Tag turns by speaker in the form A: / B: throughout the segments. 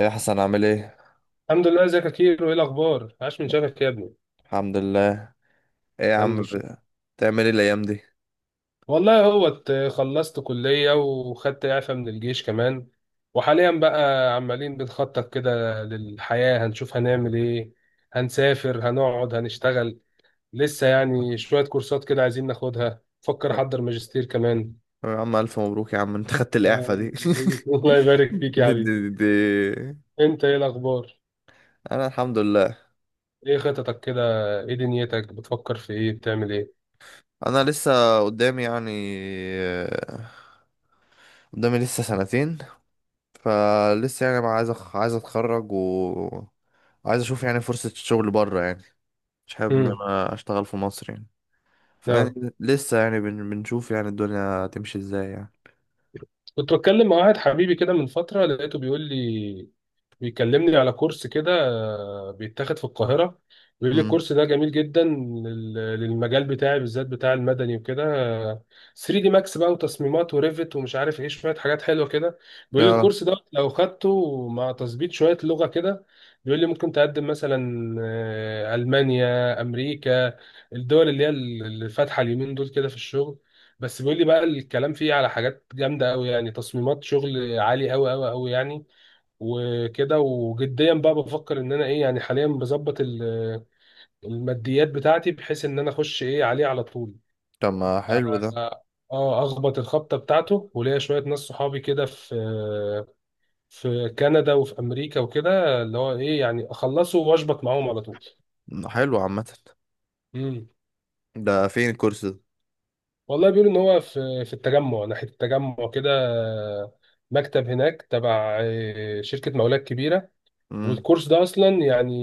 A: ايه يا حسن، عامل ايه؟
B: الحمد لله. ازيك يا كيرو؟ ايه الاخبار؟ عاش من شافك يا ابني.
A: الحمد لله. ايه يا
B: الحمد
A: عم،
B: لله.
A: بتعمل ايه الايام دي؟
B: والله هو خلصت كلية وخدت اعفاء من الجيش كمان، وحاليا بقى عمالين بنخطط كده للحياة، هنشوف هنعمل ايه، هنسافر هنقعد هنشتغل. لسه يعني شوية كورسات كده عايزين ناخدها، فكر
A: أه،
B: احضر ماجستير كمان.
A: يا عم الف مبروك يا عم، انت خدت
B: آه،
A: الاعفاء دي
B: الله يبارك فيك يا
A: دي, دي,
B: حبيبي.
A: دي, دي.
B: انت ايه الاخبار؟
A: انا الحمد لله.
B: ايه خططك كده؟ ايه دنيتك؟ بتفكر في ايه؟ بتعمل ايه؟
A: انا لسه قدامي يعني، آه، قدامي لسه سنتين. فلسه يعني ما عايز عايز اتخرج و عايز اشوف يعني فرصة الشغل بره يعني، مش حابب ان انا اشتغل في مصر يعني. فيعني
B: امم
A: لسه يعني بنشوف يعني الدنيا هتمشي ازاي يعني.
B: كنت بتكلم مع واحد حبيبي كده من فترة، لقيته بيقول لي، بيكلمني على كورس كده، بيتاخد في القاهرة. بيقول لي
A: امم.
B: الكورس ده جميل جدا للمجال بتاعي، بالذات بتاع المدني وكده. 3 دي ماكس بقى وتصميمات وريفت ومش عارف ايه، شوية حاجات حلوة كده. بيقول لي
A: اه.
B: الكورس ده لو خدته مع تظبيط شوية لغة كده، بيقول لي ممكن تقدم مثلا ألمانيا، أمريكا، الدول اللي هي اللي فاتحة اليومين دول كده في الشغل. بس بيقول لي بقى الكلام فيه على حاجات جامده قوي، يعني تصميمات شغل عالي قوي قوي قوي يعني. وكده، وجديا بقى بفكر ان انا ايه يعني، حاليا بظبط الماديات بتاعتي، بحيث ان انا اخش ايه عليه على طول.
A: طب، ما حلو ده.
B: اه، اخبط الخبطه بتاعته. وليا شويه ناس صحابي كده في في كندا وفي امريكا وكده، اللي هو ايه يعني اخلصه واشبط معاهم على طول.
A: حلو عامة. ده فين الكورس ده؟
B: والله بيقولوا ان هو في التجمع، ناحيه التجمع كده، مكتب هناك تبع شركه مولات كبيره.
A: امم.
B: والكورس ده اصلا يعني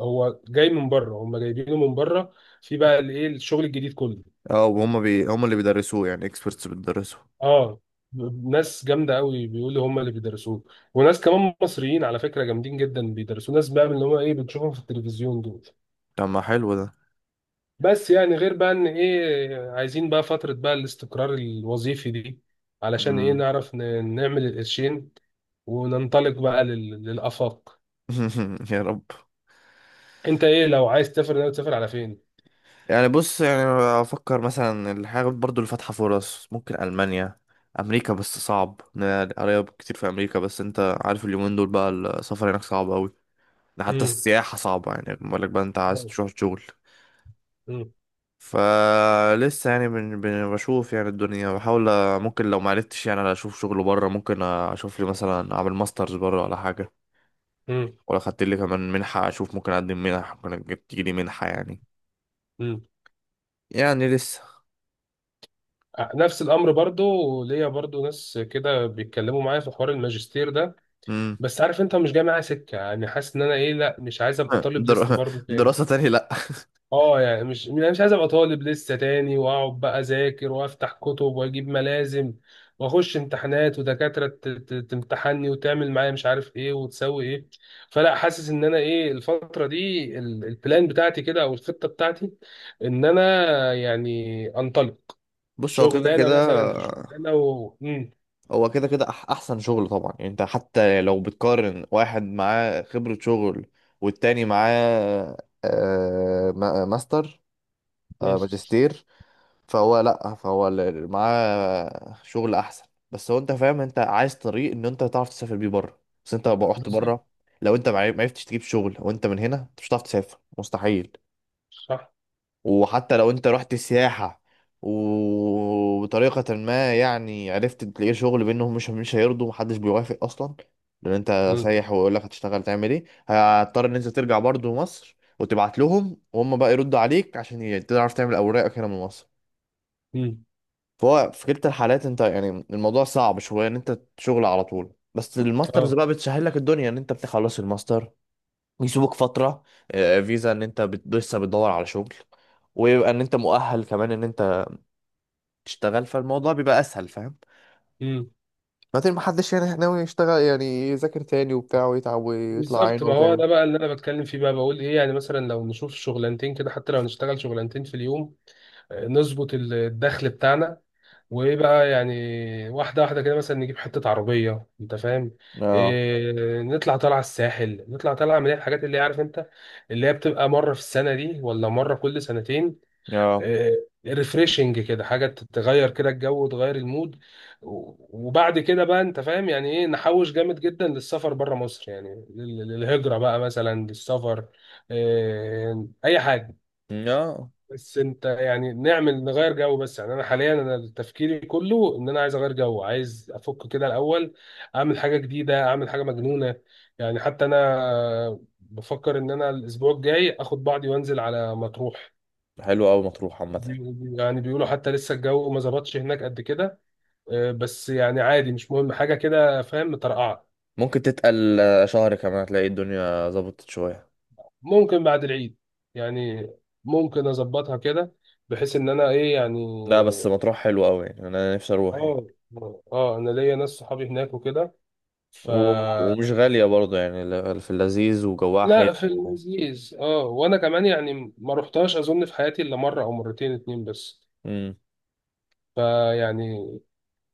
B: هو جاي من بره، هم جايبينه من بره، في بقى الايه الشغل الجديد كله.
A: اه، وهم هم اللي بيدرسوه، يعني اكسبرتس بتدرسوه؟
B: اه، ناس جامده قوي بيقولوا هم اللي بيدرسوه، وناس كمان مصريين على فكره جامدين جدا بيدرسوه، ناس بقى من اللي هو ايه بتشوفهم في التلفزيون دول.
A: طب، ما حلو ده.
B: بس يعني غير بقى ان ايه عايزين بقى فتره بقى الاستقرار الوظيفي دي، علشان ايه
A: امم.
B: نعرف نعمل القرشين وننطلق بقى للآفاق.
A: يا رب.
B: انت ايه؟ لو عايز تسافر، ناوي تسافر على فين؟
A: يعني بص يعني، افكر مثلا الحاجة برضو اللي فاتحة فرص، ممكن المانيا، امريكا. بس صعب، إن قرايب كتير في امريكا، بس انت عارف اليومين دول بقى السفر هناك صعب قوي. ده حتى
B: مم.
A: السياحة صعبة، يعني بالك بقى انت عايز تروح شغل.
B: مم.
A: فلسه يعني بشوف يعني الدنيا، بحاول ممكن لو معرفتش يعني اشوف شغل بره، ممكن اشوف لي مثلا اعمل ماسترز بره ولا حاجه.
B: مم.
A: ولا خدت لي كمان منحه، اشوف ممكن اقدم منح، ممكن تيجي لي منحه يعني.
B: مم.
A: يعني لسه.
B: آه، نفس الامر برضو. ليا برضو ناس كده بيتكلموا معايا في حوار الماجستير ده.
A: امم.
B: بس عارف انت مش جاي معايا سكه، يعني حاسس ان انا ايه، لا مش عايز ابقى طالب لسه
A: در...
B: برضو تاني.
A: دراسه تاني، لا.
B: اه، يعني مش عايز ابقى طالب لسه تاني، واقعد بقى اذاكر وافتح كتب واجيب ملازم واخش امتحانات، ودكاتره تمتحني وتعمل معايا مش عارف ايه وتسوي ايه. فلا، حاسس ان انا ايه الفتره دي، البلان بتاعتي كده، او الخطه بتاعتي، ان انا يعني انطلق.
A: بص، هو كده
B: شغلانه
A: كده،
B: مثلا، في شغلانه، و مم.
A: هو كده كده احسن شغل طبعا. يعني انت حتى لو بتقارن واحد معاه خبره شغل والتاني معاه ماستر،
B: مم.
A: ماجستير، فهو لا، فهو اللي معاه شغل احسن. بس هو انت فاهم، انت عايز طريق ان انت تعرف تسافر بيه بره، بس انت لو رحت
B: بالظبط.
A: بره، لو انت ما عرفتش تجيب شغل او انت من هنا، انت مش هتعرف تسافر، مستحيل.
B: صح.
A: وحتى لو انت رحت سياحة، وبطريقة ما يعني عرفت تلاقي شغل بينهم، مش هيرضوا، محدش بيوافق اصلا. لان انت
B: مم.
A: سايح، ويقول لك هتشتغل تعمل ايه، هتضطر ان انت ترجع برضه مصر وتبعت لهم، وهم بقى يردوا عليك عشان تعرف تعمل اوراقك هنا من مصر.
B: مم.
A: فهو في كلتا الحالات انت يعني الموضوع صعب شويه ان انت شغل على طول، بس الماسترز
B: اه.
A: بقى بتسهل لك الدنيا، ان انت بتخلص الماستر، يسيبوك فتره، فيزا ان انت لسه بتدور على شغل، ويبقى ان انت مؤهل كمان ان انت تشتغل، فالموضوع بيبقى اسهل، فاهم؟ بعدين، ما حدش يعني ناوي يشتغل يعني يذاكر تاني وبتاع ويتعب ويطلع
B: بالظبط،
A: عينه
B: ما هو
A: تاني.
B: ده بقى اللي انا بتكلم فيه، بقى بقول ايه يعني، مثلا لو نشوف شغلانتين كده، حتى لو نشتغل شغلانتين في اليوم، نظبط الدخل بتاعنا، وايه بقى يعني، واحده واحده كده، مثلا نجيب حته عربيه، انت فاهم،
A: اه.
B: إيه، نطلع طالعه الساحل، نطلع طالعه من الحاجات اللي هي، عارف انت، اللي هي بتبقى مره في السنه دي، ولا مره كل سنتين،
A: اه.
B: ريفريشنج كده، حاجه تغير كده الجو وتغير المود. وبعد كده بقى انت فاهم يعني ايه، نحوش جامد جدا للسفر بره مصر، يعني للهجره بقى، مثلا للسفر. اي حاجه.
A: اه.
B: بس انت يعني، نعمل نغير جو بس يعني. انا حاليا انا تفكيري كله ان انا عايز اغير جو، عايز افك كده الاول، اعمل حاجه جديده، اعمل حاجه مجنونه. يعني حتى انا بفكر ان انا الاسبوع الجاي اخد بعضي وانزل على مطروح.
A: حلو قوي مطروح عامه.
B: يعني بيقولوا حتى لسه الجو ما ظبطش هناك قد كده. بس يعني عادي، مش مهم حاجة كده فاهم، مترقعة.
A: ممكن تتقل شهر كمان هتلاقي الدنيا ظبطت شويه.
B: ممكن بعد العيد يعني، ممكن اظبطها كده، بحيث ان انا ايه يعني.
A: لا بس مطروح حلو قوي، يعني انا نفسي اروح يعني.
B: اه. اه، انا ليا ناس صحابي هناك وكده، ف...
A: ومش غالية برضه، يعني في اللذيذ وجواها
B: لا،
A: حلو
B: في
A: و...
B: اللذيذ اه، وانا كمان يعني ما رحتهاش اظن في حياتي الا مرة او مرتين اتنين بس.
A: مم.
B: فيعني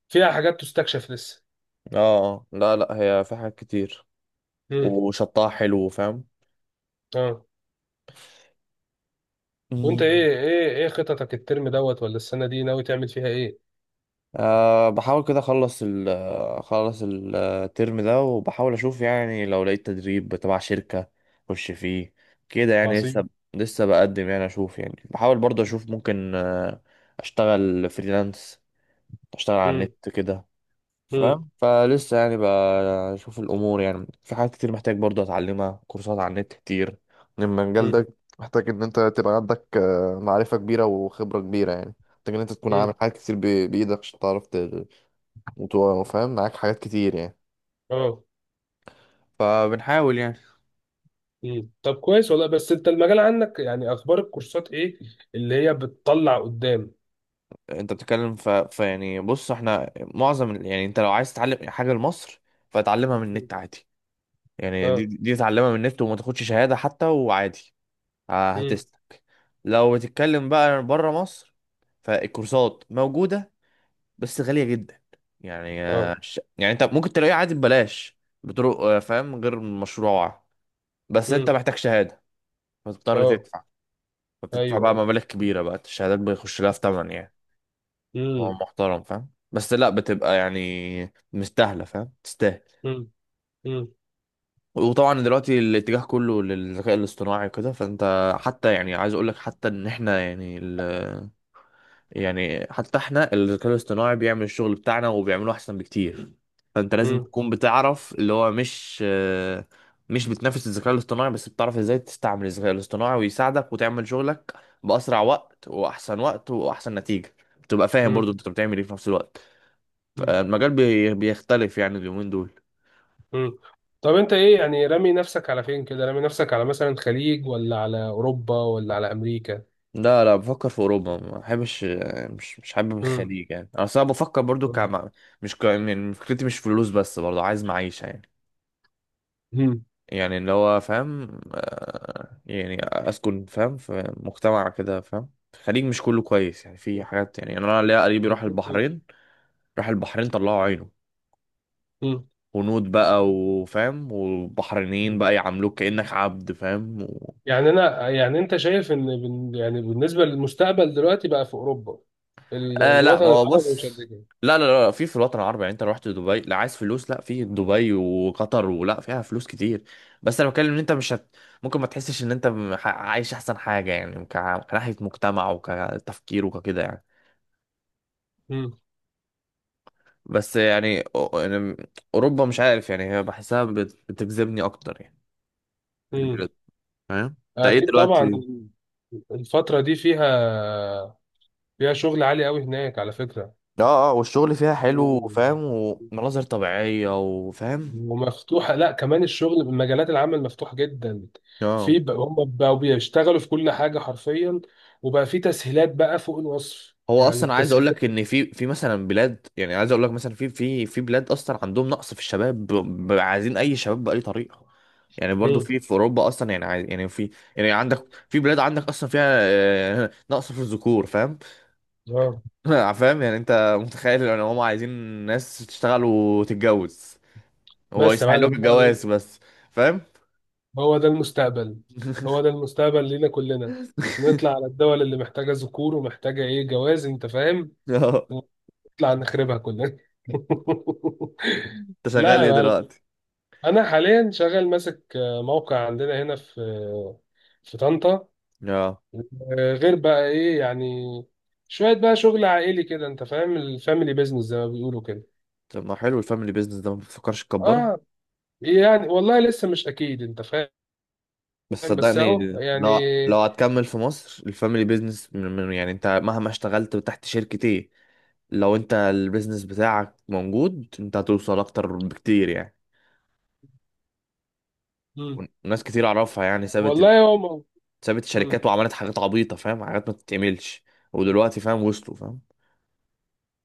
B: فيها حاجات تستكشف لسه.
A: اه. آه. لا لا، هي في حاجات كتير،
B: مم.
A: وشطها حلو، فاهم.
B: اه. وانت
A: مم.
B: ايه؟ ايه خططك؟ الترم دوت، ولا السنه دي ناوي تعمل فيها ايه؟
A: بحاول كده اخلص اخلص الترم ده، وبحاول اشوف يعني لو لقيت تدريب تبع شركة اخش فيه، كده يعني
B: عظيم.
A: لسه. لسه بقدم يعني، اشوف يعني بحاول برضه اشوف ممكن اشتغل فريلانس، اشتغل على
B: امم
A: النت كده،
B: امم
A: فاهم؟ فلسه يعني بشوف الامور، يعني في حاجات كتير محتاج برضه اتعلمها، كورسات على النت كتير. إن المجال
B: امم
A: ده محتاج ان انت تبقى عندك معرفة كبيرة وخبرة كبيرة يعني، محتاج ان انت تكون
B: امم
A: عامل حاجات كتير بايدك، عشان تعرف وفاهم معاك حاجات كتير يعني.
B: اه.
A: فبنحاول يعني.
B: طب كويس والله. بس انت المجال عندك يعني، اخبار الكورسات ايه اللي هي بتطلع قدام؟
A: انت بتتكلم فيعني بص، احنا معظم يعني انت لو عايز تتعلم حاجه لمصر فتعلمها من
B: مم.
A: النت عادي، يعني دي
B: اه.
A: دي تعلمها من النت وما تاخدش شهاده حتى، وعادي
B: امم
A: هتسلك. لو بتتكلم بقى بره مصر، فالكورسات موجودة بس غالية جدا، يعني
B: اه.
A: يعني انت ممكن تلاقيها عادي ببلاش، بطرق فاهم، غير مشروعة، بس انت
B: امم
A: محتاج شهادة، فتضطر
B: اه.
A: تدفع، فتدفع بقى
B: ايوه.
A: مبالغ كبيرة، بقى الشهادات بيخش لها في تمن يعني. هو
B: امم
A: محترم، فاهم، بس لا، بتبقى يعني مستاهلة، فاهم؟ تستاهل.
B: امم امم
A: وطبعا دلوقتي الاتجاه كله للذكاء الاصطناعي وكده، فانت حتى، يعني عايز اقول لك حتى ان احنا يعني، يعني حتى احنا الذكاء الاصطناعي بيعمل الشغل بتاعنا وبيعمله احسن بكتير، فانت لازم
B: امم
A: تكون بتعرف اللي هو مش بتنافس الذكاء الاصطناعي، بس بتعرف ازاي تستعمل الذكاء الاصطناعي ويساعدك وتعمل شغلك بأسرع وقت وأحسن وقت وأحسن نتيجة، تبقى فاهم
B: امم
A: برضو انت بتعمل ايه في نفس الوقت. فالمجال بيختلف يعني اليومين دول.
B: امم طب انت ايه يعني، رامي نفسك على فين كده؟ رامي نفسك على مثلا خليج، ولا على اوروبا، ولا على امريكا؟
A: لا لا، بفكر في اوروبا، ما بحبش، مش حابب
B: امم
A: الخليج، يعني انا أصل انا بفكر برضو مش يعني فكرتي مش فلوس بس، برضو عايز معيشة يعني. يعني اللي هو فاهم، يعني اسكن فاهم في مجتمع كده فاهم. الخليج مش كله كويس، يعني في حاجات، يعني انا ليا قريبي راح البحرين، راح البحرين، طلعوا عينه.
B: امم
A: هنود بقى، وفاهم، والبحرينيين بقى يعاملوك كأنك عبد، فاهم.
B: يعني انا يعني، انت شايف ان يعني بالنسبه للمستقبل دلوقتي بقى في اوروبا،
A: لا،
B: الوطن
A: ما هو
B: العربي مش
A: بص،
B: قد كده؟
A: لا لا لا، في الوطن العربي، يعني انت لو رحت دبي، لا عايز فلوس، لا في دبي وقطر ولا فيها فلوس كتير، بس انا بتكلم ان انت مش. ممكن ما تحسش ان انت عايش احسن حاجة، يعني كناحية مجتمع وكتفكير وككده يعني.
B: مم.
A: بس يعني يعني اوروبا، مش عارف، يعني هي بحسها بتجذبني اكتر يعني،
B: مم.
A: البلاد، فاهم؟ انت ايه
B: اكيد طبعا.
A: دلوقتي؟
B: الفتره دي فيها، فيها شغل عالي قوي هناك على فكره.
A: اه. اه، والشغل فيها حلو،
B: مم.
A: فاهم، ومناظر طبيعية، وفاهم.
B: ومفتوحه، لا كمان الشغل، مجالات العمل مفتوحه جدا.
A: اه،
B: في بقى هم بقوا بيشتغلوا في كل حاجه حرفيا، وبقى في تسهيلات بقى فوق الوصف
A: هو
B: يعني،
A: اصلا عايز اقول
B: التسهيلات.
A: لك ان في مثلا بلاد، يعني عايز اقول لك مثلا في بلاد اصلا عندهم نقص في الشباب، عايزين اي شباب باي طريقة، يعني برضو
B: مم.
A: في اوروبا اصلا يعني، عايز يعني في. يعني عندك، في بلاد عندك اصلا فيها نقص في الذكور، فاهم؟
B: اه.
A: فاهم؟ يعني انت متخيل ان هم عايزين ناس تشتغل وتتجوز، هو
B: بس يا
A: يسهل لك
B: معلم،
A: الجواز بس، فاهم؟
B: هو ده المستقبل. هو ده المستقبل لينا كلنا، نطلع على الدول اللي محتاجة ذكور ومحتاجة ايه، جواز، انت فاهم،
A: اه.
B: ونطلع نخربها كلنا.
A: انت
B: لا
A: شغال
B: يا
A: ايه
B: معلم،
A: دلوقتي؟
B: انا حاليا شغال ماسك موقع عندنا هنا في في طنطا.
A: اه،
B: غير بقى ايه يعني، شوية بقى شغل عائلي كده، انت فاهم، الفاميلي بيزنس زي ما بيقولوا كده.
A: طب، ما حلو الفاميلي بيزنس ده، ما بتفكرش تكبره؟
B: اه. يعني والله لسه مش اكيد انت فاهم.
A: بس
B: بس
A: صدقني،
B: اهو يعني.
A: لو هتكمل في مصر الفاميلي بيزنس، يعني انت مهما اشتغلت تحت شركة ايه، لو انت البيزنس بتاعك موجود، انت هتوصل اكتر بكتير يعني.
B: مم.
A: وناس كتير اعرفها يعني
B: والله هو. مم.
A: سابت الشركات وعملت حاجات عبيطة، فاهم، حاجات ما تتعملش، ودلوقتي فاهم وصلوا، فاهم؟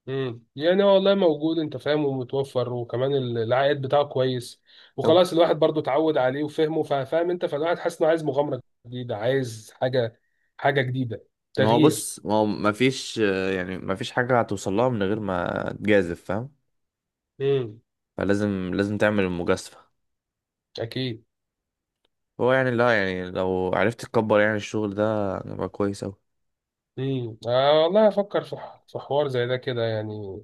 B: يعني هو والله موجود انت فاهم، ومتوفر، وكمان العائد بتاعه كويس،
A: أهو.
B: وخلاص الواحد برضو اتعود عليه وفهمه فاهم انت، فالواحد حاسس انه عايز مغامره جديده، عايز حاجه، حاجه جديده،
A: ما هو
B: تغيير.
A: بص، ما هو ما فيش، يعني ما فيش حاجة هتوصل لها من غير ما تجازف، فاهم؟
B: امم
A: فلازم، لازم تعمل المجازفة.
B: اكيد.
A: هو يعني لا، يعني لو عرفت تكبر يعني الشغل ده، يبقى كويس أوي.
B: آه والله، افكر في في حوار زي ده كده يعني،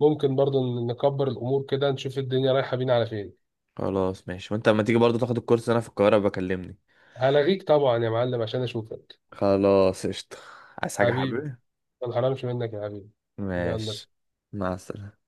B: ممكن برضو نكبر الامور كده، نشوف الدنيا رايحه بينا على فين.
A: خلاص، ماشي. وانت لما تيجي برضه تاخد الكورس انا في القاهرة، بكلمني.
B: هلغيك طبعا يا معلم عشان اشوفك.
A: خلاص، قشطة. عايز حاجة
B: حبيبي.
A: حبيبي؟
B: ما انحرمش منك يا حبيبي. يلا.
A: ماشي. مع السلامة.